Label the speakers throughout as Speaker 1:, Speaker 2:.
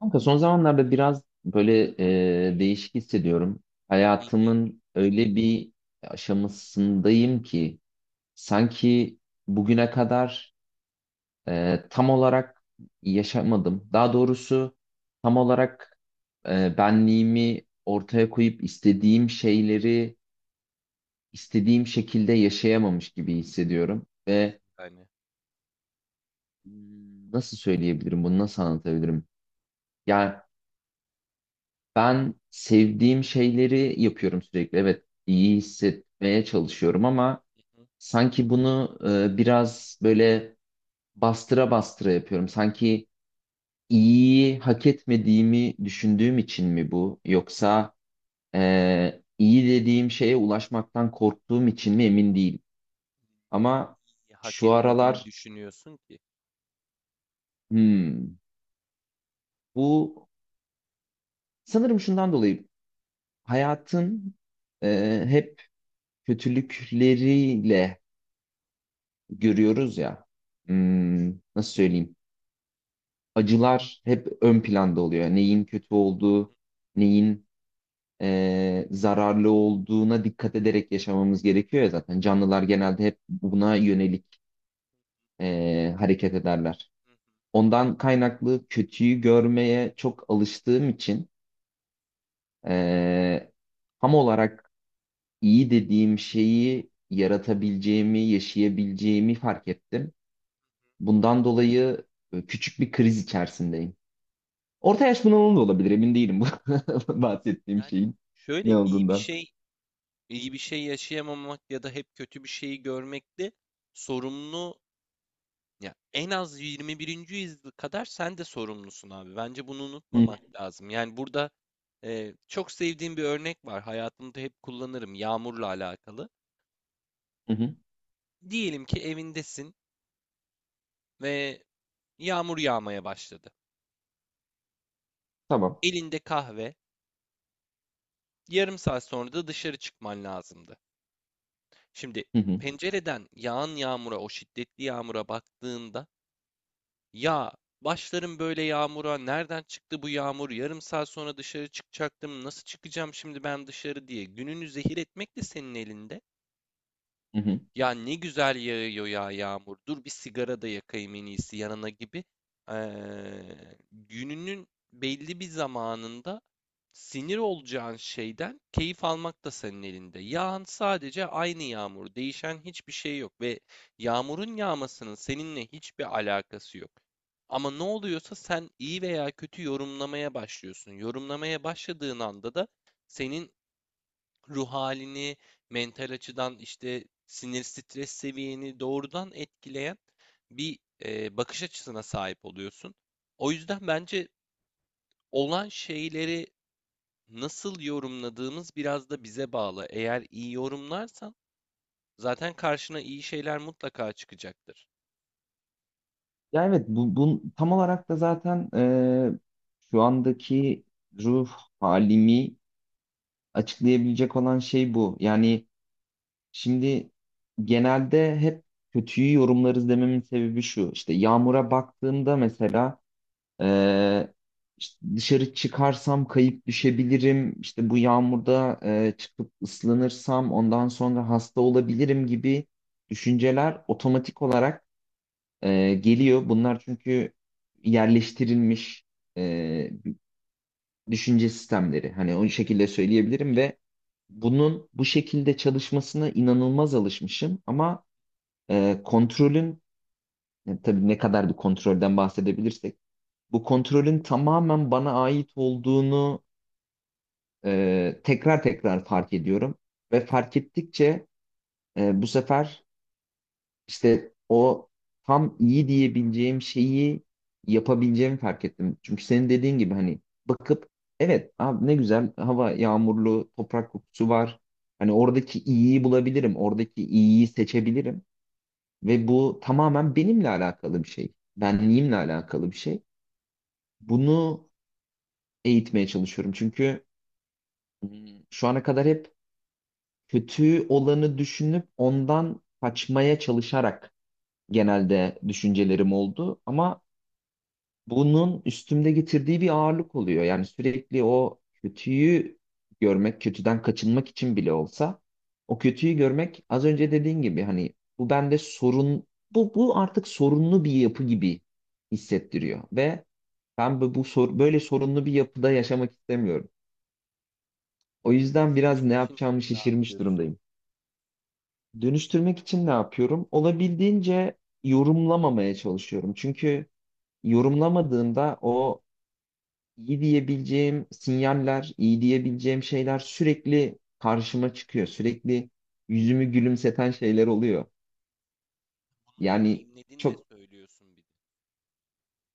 Speaker 1: Kanka son zamanlarda biraz böyle değişik hissediyorum.
Speaker 2: Hı hı.
Speaker 1: Hayatımın öyle bir aşamasındayım ki sanki bugüne kadar tam olarak yaşamadım. Daha doğrusu tam olarak benliğimi ortaya koyup istediğim şeyleri istediğim şekilde yaşayamamış gibi hissediyorum. Ve
Speaker 2: Nasıl yani?
Speaker 1: nasıl söyleyebilirim bunu, nasıl anlatabilirim? Yani ben sevdiğim şeyleri yapıyorum sürekli. Evet,
Speaker 2: Hı
Speaker 1: iyi
Speaker 2: hı.
Speaker 1: hissetmeye çalışıyorum ama
Speaker 2: Hı hı.
Speaker 1: sanki bunu biraz böyle bastıra bastıra yapıyorum. Sanki iyiyi hak etmediğimi düşündüğüm için mi bu? Yoksa iyi dediğim şeye ulaşmaktan korktuğum için mi emin değilim. Ama
Speaker 2: Niye hak
Speaker 1: şu
Speaker 2: etmediğini
Speaker 1: aralar
Speaker 2: düşünüyorsun ki?
Speaker 1: hmm, bu sanırım şundan dolayı hayatın hep kötülükleriyle görüyoruz ya. Hmm, nasıl söyleyeyim? Acılar hep ön planda oluyor. Neyin kötü
Speaker 2: Hı
Speaker 1: olduğu,
Speaker 2: hı.
Speaker 1: neyin zararlı olduğuna dikkat ederek yaşamamız gerekiyor ya zaten. Canlılar genelde hep buna yönelik hareket ederler.
Speaker 2: Hı hı.
Speaker 1: Ondan kaynaklı kötüyü görmeye çok alıştığım için eee tam olarak iyi dediğim şeyi yaratabileceğimi, yaşayabileceğimi fark ettim. Bundan dolayı küçük bir kriz içerisindeyim. Orta yaş bunalımı da olabilir emin değilim bu bahsettiğim
Speaker 2: Yani,
Speaker 1: şeyin ne
Speaker 2: şöyle iyi bir
Speaker 1: olduğundan.
Speaker 2: şey, iyi bir şey yaşayamamak ya da hep kötü bir şeyi görmekte sorumlu, ya en az 21. yüzyıl kadar sen de sorumlusun abi. Bence bunu
Speaker 1: Hı hı,
Speaker 2: unutmamak lazım. Yani burada çok sevdiğim bir örnek var. Hayatımda hep kullanırım yağmurla alakalı.
Speaker 1: hı hı.
Speaker 2: Diyelim ki evindesin ve yağmur yağmaya başladı.
Speaker 1: Tamam.
Speaker 2: Elinde kahve. Yarım saat sonra da dışarı çıkman lazımdı. Şimdi
Speaker 1: Hı hı,
Speaker 2: pencereden yağan yağmura, o şiddetli yağmura baktığında, ya başlarım böyle yağmura, nereden çıktı bu yağmur? Yarım saat sonra dışarı çıkacaktım. Nasıl çıkacağım şimdi ben dışarı diye gününü zehir etmek de senin elinde.
Speaker 1: hı hı.
Speaker 2: Ya ne güzel yağıyor ya yağmur. Dur bir sigara da yakayım en iyisi yanına gibi. Gününün belli bir zamanında sinir olacağın şeyden keyif almak da senin elinde. Yağan sadece aynı yağmur. Değişen hiçbir şey yok ve yağmurun yağmasının seninle hiçbir alakası yok. Ama ne oluyorsa sen iyi veya kötü yorumlamaya başlıyorsun. Yorumlamaya başladığın anda da senin ruh halini, mental açıdan işte sinir stres seviyeni doğrudan etkileyen bir bakış açısına sahip oluyorsun. O yüzden bence olan şeyleri nasıl yorumladığımız biraz da bize bağlı. Eğer iyi yorumlarsan zaten karşına iyi şeyler mutlaka çıkacaktır.
Speaker 1: Ya evet bu tam olarak da zaten şu andaki ruh halimi açıklayabilecek olan şey bu. Yani şimdi genelde hep kötüyü yorumlarız dememin sebebi şu. İşte Yağmur'a baktığımda mesela Ee, işte dışarı çıkarsam kayıp düşebilirim. İşte bu yağmurda çıkıp ıslanırsam ondan sonra hasta olabilirim gibi düşünceler otomatik olarak geliyor. Bunlar çünkü yerleştirilmiş e, düşünce sistemleri. Hani o şekilde söyleyebilirim
Speaker 2: Evet,
Speaker 1: ve bunun bu şekilde çalışmasına inanılmaz alışmışım ama kontrolün tabii ne kadar bir kontrolden bahsedebilirsek bu kontrolün tamamen bana ait olduğunu tekrar tekrar fark ediyorum. Ve fark ettikçe bu sefer işte o tam iyi diyebileceğim şeyi yapabileceğimi fark ettim. Çünkü senin dediğin gibi hani bakıp evet abi ne güzel hava, yağmurlu toprak kokusu var. Hani oradaki iyiyi bulabilirim, oradaki iyiyi seçebilirim. Ve bu tamamen benimle alakalı bir şey. Benliğimle alakalı bir şey. Bunu eğitmeye çalışıyorum. Çünkü şu ana kadar hep kötü olanı düşünüp ondan kaçmaya çalışarak genelde düşüncelerim oldu. Ama bunun üstümde getirdiği bir ağırlık oluyor. Yani sürekli o kötüyü görmek, kötüden kaçınmak için bile olsa o kötüyü görmek az önce dediğin gibi hani bu bende sorun, bu artık sorunlu bir yapı gibi hissettiriyor ve ben böyle sorunlu bir yapıda yaşamak istemiyorum. O
Speaker 2: peki
Speaker 1: yüzden biraz
Speaker 2: dönüştürmek
Speaker 1: ne
Speaker 2: için
Speaker 1: yapacağımı
Speaker 2: ne
Speaker 1: şaşırmış
Speaker 2: yapıyorsun?
Speaker 1: durumdayım. Dönüştürmek için ne yapıyorum? Olabildiğince yorumlamamaya çalışıyorum. Çünkü yorumlamadığımda o iyi diyebileceğim sinyaller, iyi diyebileceğim şeyler sürekli karşıma çıkıyor. Sürekli yüzümü gülümseten şeyler oluyor. Yani
Speaker 2: Deneyimledin de
Speaker 1: çok
Speaker 2: söylüyorsun bir de.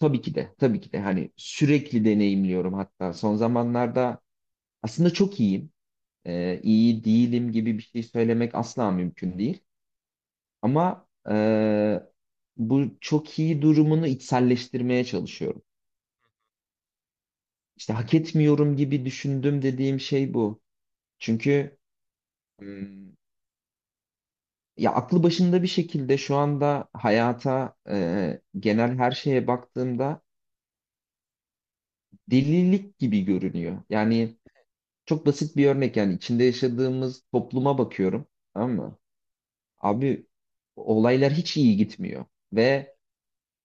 Speaker 1: tabii ki de hani sürekli deneyimliyorum, hatta son zamanlarda aslında çok iyiyim. İyi değilim gibi bir şey söylemek asla mümkün değil. Ama bu çok iyi durumunu içselleştirmeye çalışıyorum. İşte hak etmiyorum gibi düşündüm dediğim şey bu. Çünkü hmm, ya aklı başında bir şekilde şu anda hayata genel her şeye baktığımda delilik gibi görünüyor. Yani çok basit bir örnek, yani içinde yaşadığımız topluma bakıyorum. Tamam mı? Abi olaylar hiç iyi gitmiyor ve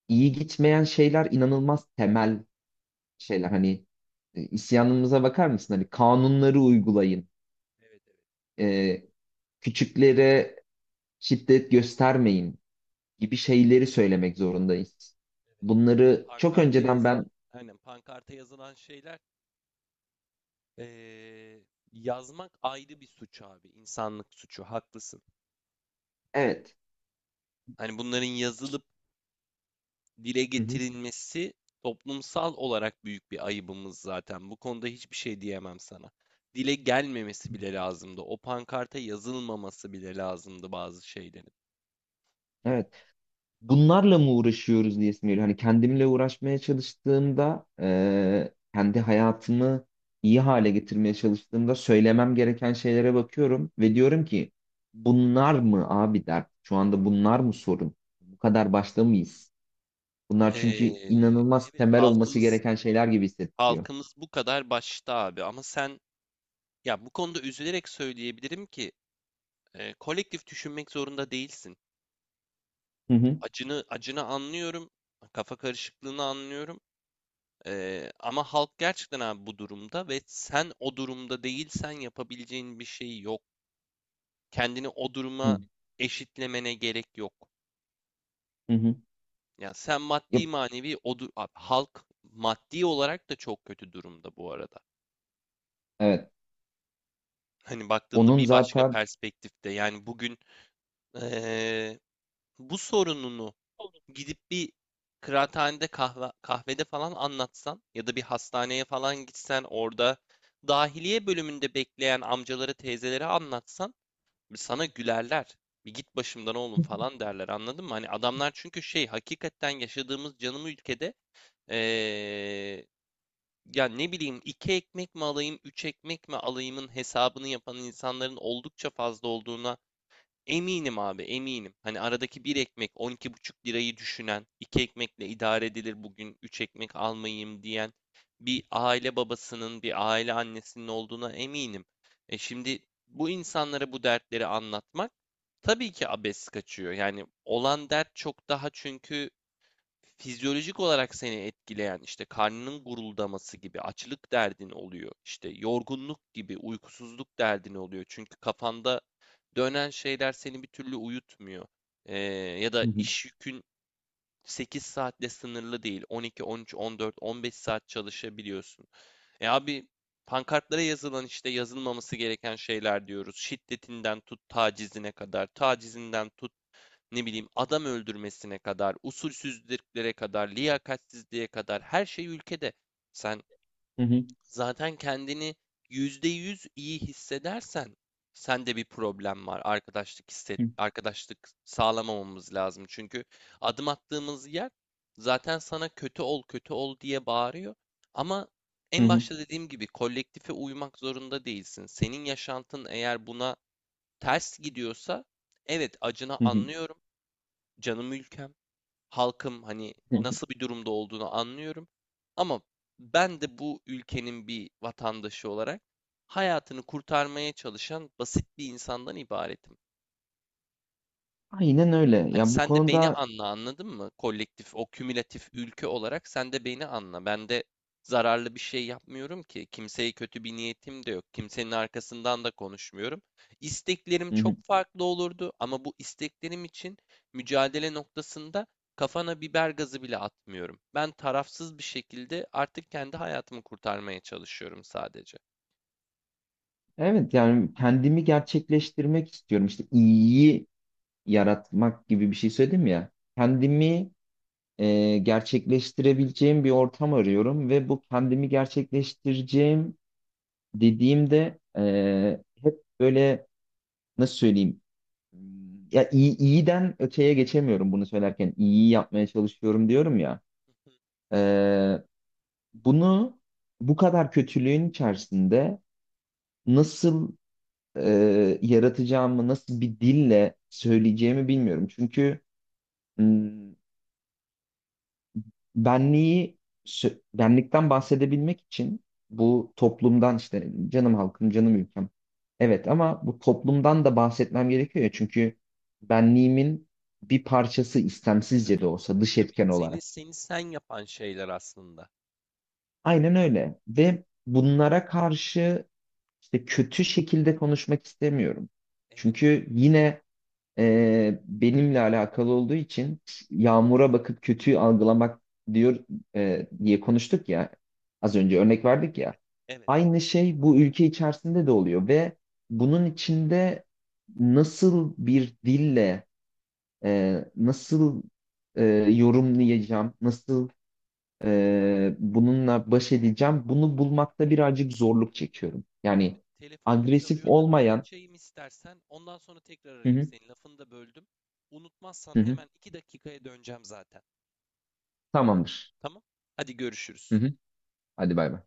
Speaker 1: iyi gitmeyen şeyler inanılmaz temel şeyler hani isyanımıza bakar mısın? Hani kanunları uygulayın,
Speaker 2: Evet, evet,
Speaker 1: e, küçüklere şiddet göstermeyin gibi şeyleri söylemek zorundayız.
Speaker 2: evet. Yani
Speaker 1: Bunları çok
Speaker 2: pankarta
Speaker 1: önceden ben
Speaker 2: yazılan, aynen pankarta yazılan şeyler, Ee, yazmak ayrı bir suç abi. İnsanlık suçu. Haklısın.
Speaker 1: evet,
Speaker 2: Hani bunların yazılıp dile
Speaker 1: hı hı,
Speaker 2: getirilmesi toplumsal olarak büyük bir ayıbımız zaten. Bu konuda hiçbir şey diyemem sana. Dile gelmemesi bile lazımdı. O pankarta yazılmaması bile lazımdı bazı şeylerin.
Speaker 1: evet. Bunlarla mı uğraşıyoruz diye geliyor. Hani kendimle uğraşmaya çalıştığımda, kendi hayatımı iyi hale getirmeye çalıştığımda söylemem gereken şeylere bakıyorum ve diyorum ki bunlar mı abi dert? Şu anda bunlar mı sorun? Bu kadar başta mıyız? Bunlar çünkü
Speaker 2: Ee,
Speaker 1: inanılmaz
Speaker 2: evet,
Speaker 1: temel olması
Speaker 2: halkımız
Speaker 1: gereken şeyler gibi hissettiriyor.
Speaker 2: halkımız bu kadar başta abi, ama sen, ya bu konuda üzülerek söyleyebilirim ki kolektif düşünmek zorunda değilsin.
Speaker 1: Hı hı.
Speaker 2: Acını acını anlıyorum. Kafa karışıklığını anlıyorum. Ama halk gerçekten abi bu durumda ve sen o durumda değilsen yapabileceğin bir şey yok. Kendini o
Speaker 1: Hı
Speaker 2: duruma eşitlemene gerek yok.
Speaker 1: hı. Hı.
Speaker 2: Ya sen maddi
Speaker 1: Yap-
Speaker 2: manevi abi halk maddi olarak da çok kötü durumda bu arada.
Speaker 1: evet.
Speaker 2: Hani baktığında
Speaker 1: Onun
Speaker 2: bir başka
Speaker 1: zaten
Speaker 2: perspektifte, yani bugün ee, bu sorununu gidip bir kıraathanede kahve, kahvede falan anlatsan ya da bir hastaneye falan gitsen, orada dahiliye bölümünde bekleyen amcaları teyzelere anlatsan sana gülerler. Bir git başımdan oğlum falan derler, anladın mı? Hani adamlar çünkü şey, hakikaten yaşadığımız canım ülkede ee, ya ne bileyim, iki ekmek mi alayım üç ekmek mi alayımın hesabını yapan insanların oldukça fazla olduğuna eminim abi, eminim. Hani aradaki bir ekmek 12,5 lirayı düşünen, iki ekmekle idare edilir bugün, üç ekmek almayayım diyen bir aile babasının, bir aile annesinin olduğuna eminim. E şimdi bu insanlara bu dertleri anlatmak tabii ki abes kaçıyor. Yani olan dert çok daha, çünkü fizyolojik olarak seni etkileyen işte karnının guruldaması gibi açlık derdin oluyor. İşte yorgunluk gibi uykusuzluk derdin oluyor. Çünkü kafanda dönen şeyler seni bir türlü uyutmuyor. Ee, Ya
Speaker 1: hı
Speaker 2: da
Speaker 1: hı.
Speaker 2: iş yükün 8 saatle sınırlı değil. On, on iki, on üç, on dört, on beş saat çalışabiliyorsun. E abi, pankartlara yazılan işte yazılmaması gereken şeyler diyoruz. Şiddetinden tut tacizine kadar, tacizinden tut ne bileyim adam öldürmesine kadar, usulsüzlüklere kadar, liyakatsizliğe kadar her şey ülkede. Sen
Speaker 1: Hı hı.
Speaker 2: zaten kendini %100 iyi hissedersen sende bir problem var. Arkadaşlık hisset,
Speaker 1: Hı
Speaker 2: arkadaşlık sağlamamamız lazım. Çünkü adım attığımız yer zaten sana kötü ol, kötü ol diye bağırıyor. Ama en
Speaker 1: hı.
Speaker 2: başta dediğim gibi kolektife uymak zorunda değilsin. Senin yaşantın eğer buna ters gidiyorsa, evet, acına
Speaker 1: Hı hı.
Speaker 2: anlıyorum. Canım ülkem, halkım, hani
Speaker 1: Hı hı.
Speaker 2: nasıl bir durumda olduğunu anlıyorum. Ama ben de bu ülkenin bir vatandaşı olarak hayatını kurtarmaya çalışan basit bir insandan ibaretim.
Speaker 1: Aynen öyle.
Speaker 2: Hani
Speaker 1: Ya bu
Speaker 2: sen de beni
Speaker 1: konuda
Speaker 2: anla, anladın mı? Kolektif, o kümülatif ülke olarak sen de beni anla. Ben de zararlı bir şey yapmıyorum ki. Kimseye kötü bir niyetim de yok. Kimsenin arkasından da konuşmuyorum. İsteklerim
Speaker 1: hı hı.
Speaker 2: çok farklı olurdu ama bu isteklerim için mücadele noktasında kafana biber gazı bile atmıyorum. Ben tarafsız bir şekilde artık kendi hayatımı kurtarmaya çalışıyorum sadece.
Speaker 1: Evet yani kendimi gerçekleştirmek istiyorum. İşte iyiyi yaratmak gibi bir şey söyledim ya. Kendimi gerçekleştirebileceğim bir ortam arıyorum ve bu kendimi gerçekleştireceğim dediğimde hep böyle nasıl söyleyeyim? Ya iyi, iyiden öteye geçemiyorum bunu söylerken. İyiyi yapmaya çalışıyorum diyorum ya.
Speaker 2: Hı.
Speaker 1: Ee, bunu bu kadar kötülüğün içerisinde nasıl yaratacağımı, nasıl bir dille söyleyeceğimi bilmiyorum. Çünkü hmm, benliği benlikten bahsedebilmek için bu toplumdan, işte canım halkım, canım ülkem. Evet ama bu toplumdan da bahsetmem gerekiyor ya çünkü benliğimin bir parçası, istemsizce
Speaker 2: Tabii
Speaker 1: de
Speaker 2: ki,
Speaker 1: olsa dış
Speaker 2: tabii ki.
Speaker 1: etken
Speaker 2: Seni
Speaker 1: olarak.
Speaker 2: seni sen yapan şeyler aslında.
Speaker 1: Aynen öyle ve bunlara karşı işte kötü şekilde konuşmak istemiyorum.
Speaker 2: Evet,
Speaker 1: Çünkü yine benimle alakalı olduğu için yağmura bakıp kötüyü algılamak diyor diye konuştuk ya, az
Speaker 2: evet,
Speaker 1: önce örnek verdik ya,
Speaker 2: evet, evet.
Speaker 1: aynı şey bu ülke içerisinde de oluyor ve bunun içinde nasıl bir dille nasıl e, yorumlayacağım, nasıl bununla baş edeceğim, bunu bulmakta birazcık zorluk çekiyorum,
Speaker 2: Abi
Speaker 1: yani
Speaker 2: telefonum
Speaker 1: agresif
Speaker 2: çalıyor da bir
Speaker 1: olmayan.
Speaker 2: açayım istersen. Ondan sonra tekrar
Speaker 1: Hı
Speaker 2: arayayım
Speaker 1: hı,
Speaker 2: seni. Lafını da böldüm. Unutmazsan
Speaker 1: hı hı,
Speaker 2: hemen iki dakikaya döneceğim zaten.
Speaker 1: tamamdır.
Speaker 2: Tamam? Hadi
Speaker 1: Hı
Speaker 2: görüşürüz.
Speaker 1: hı, hadi bay bay.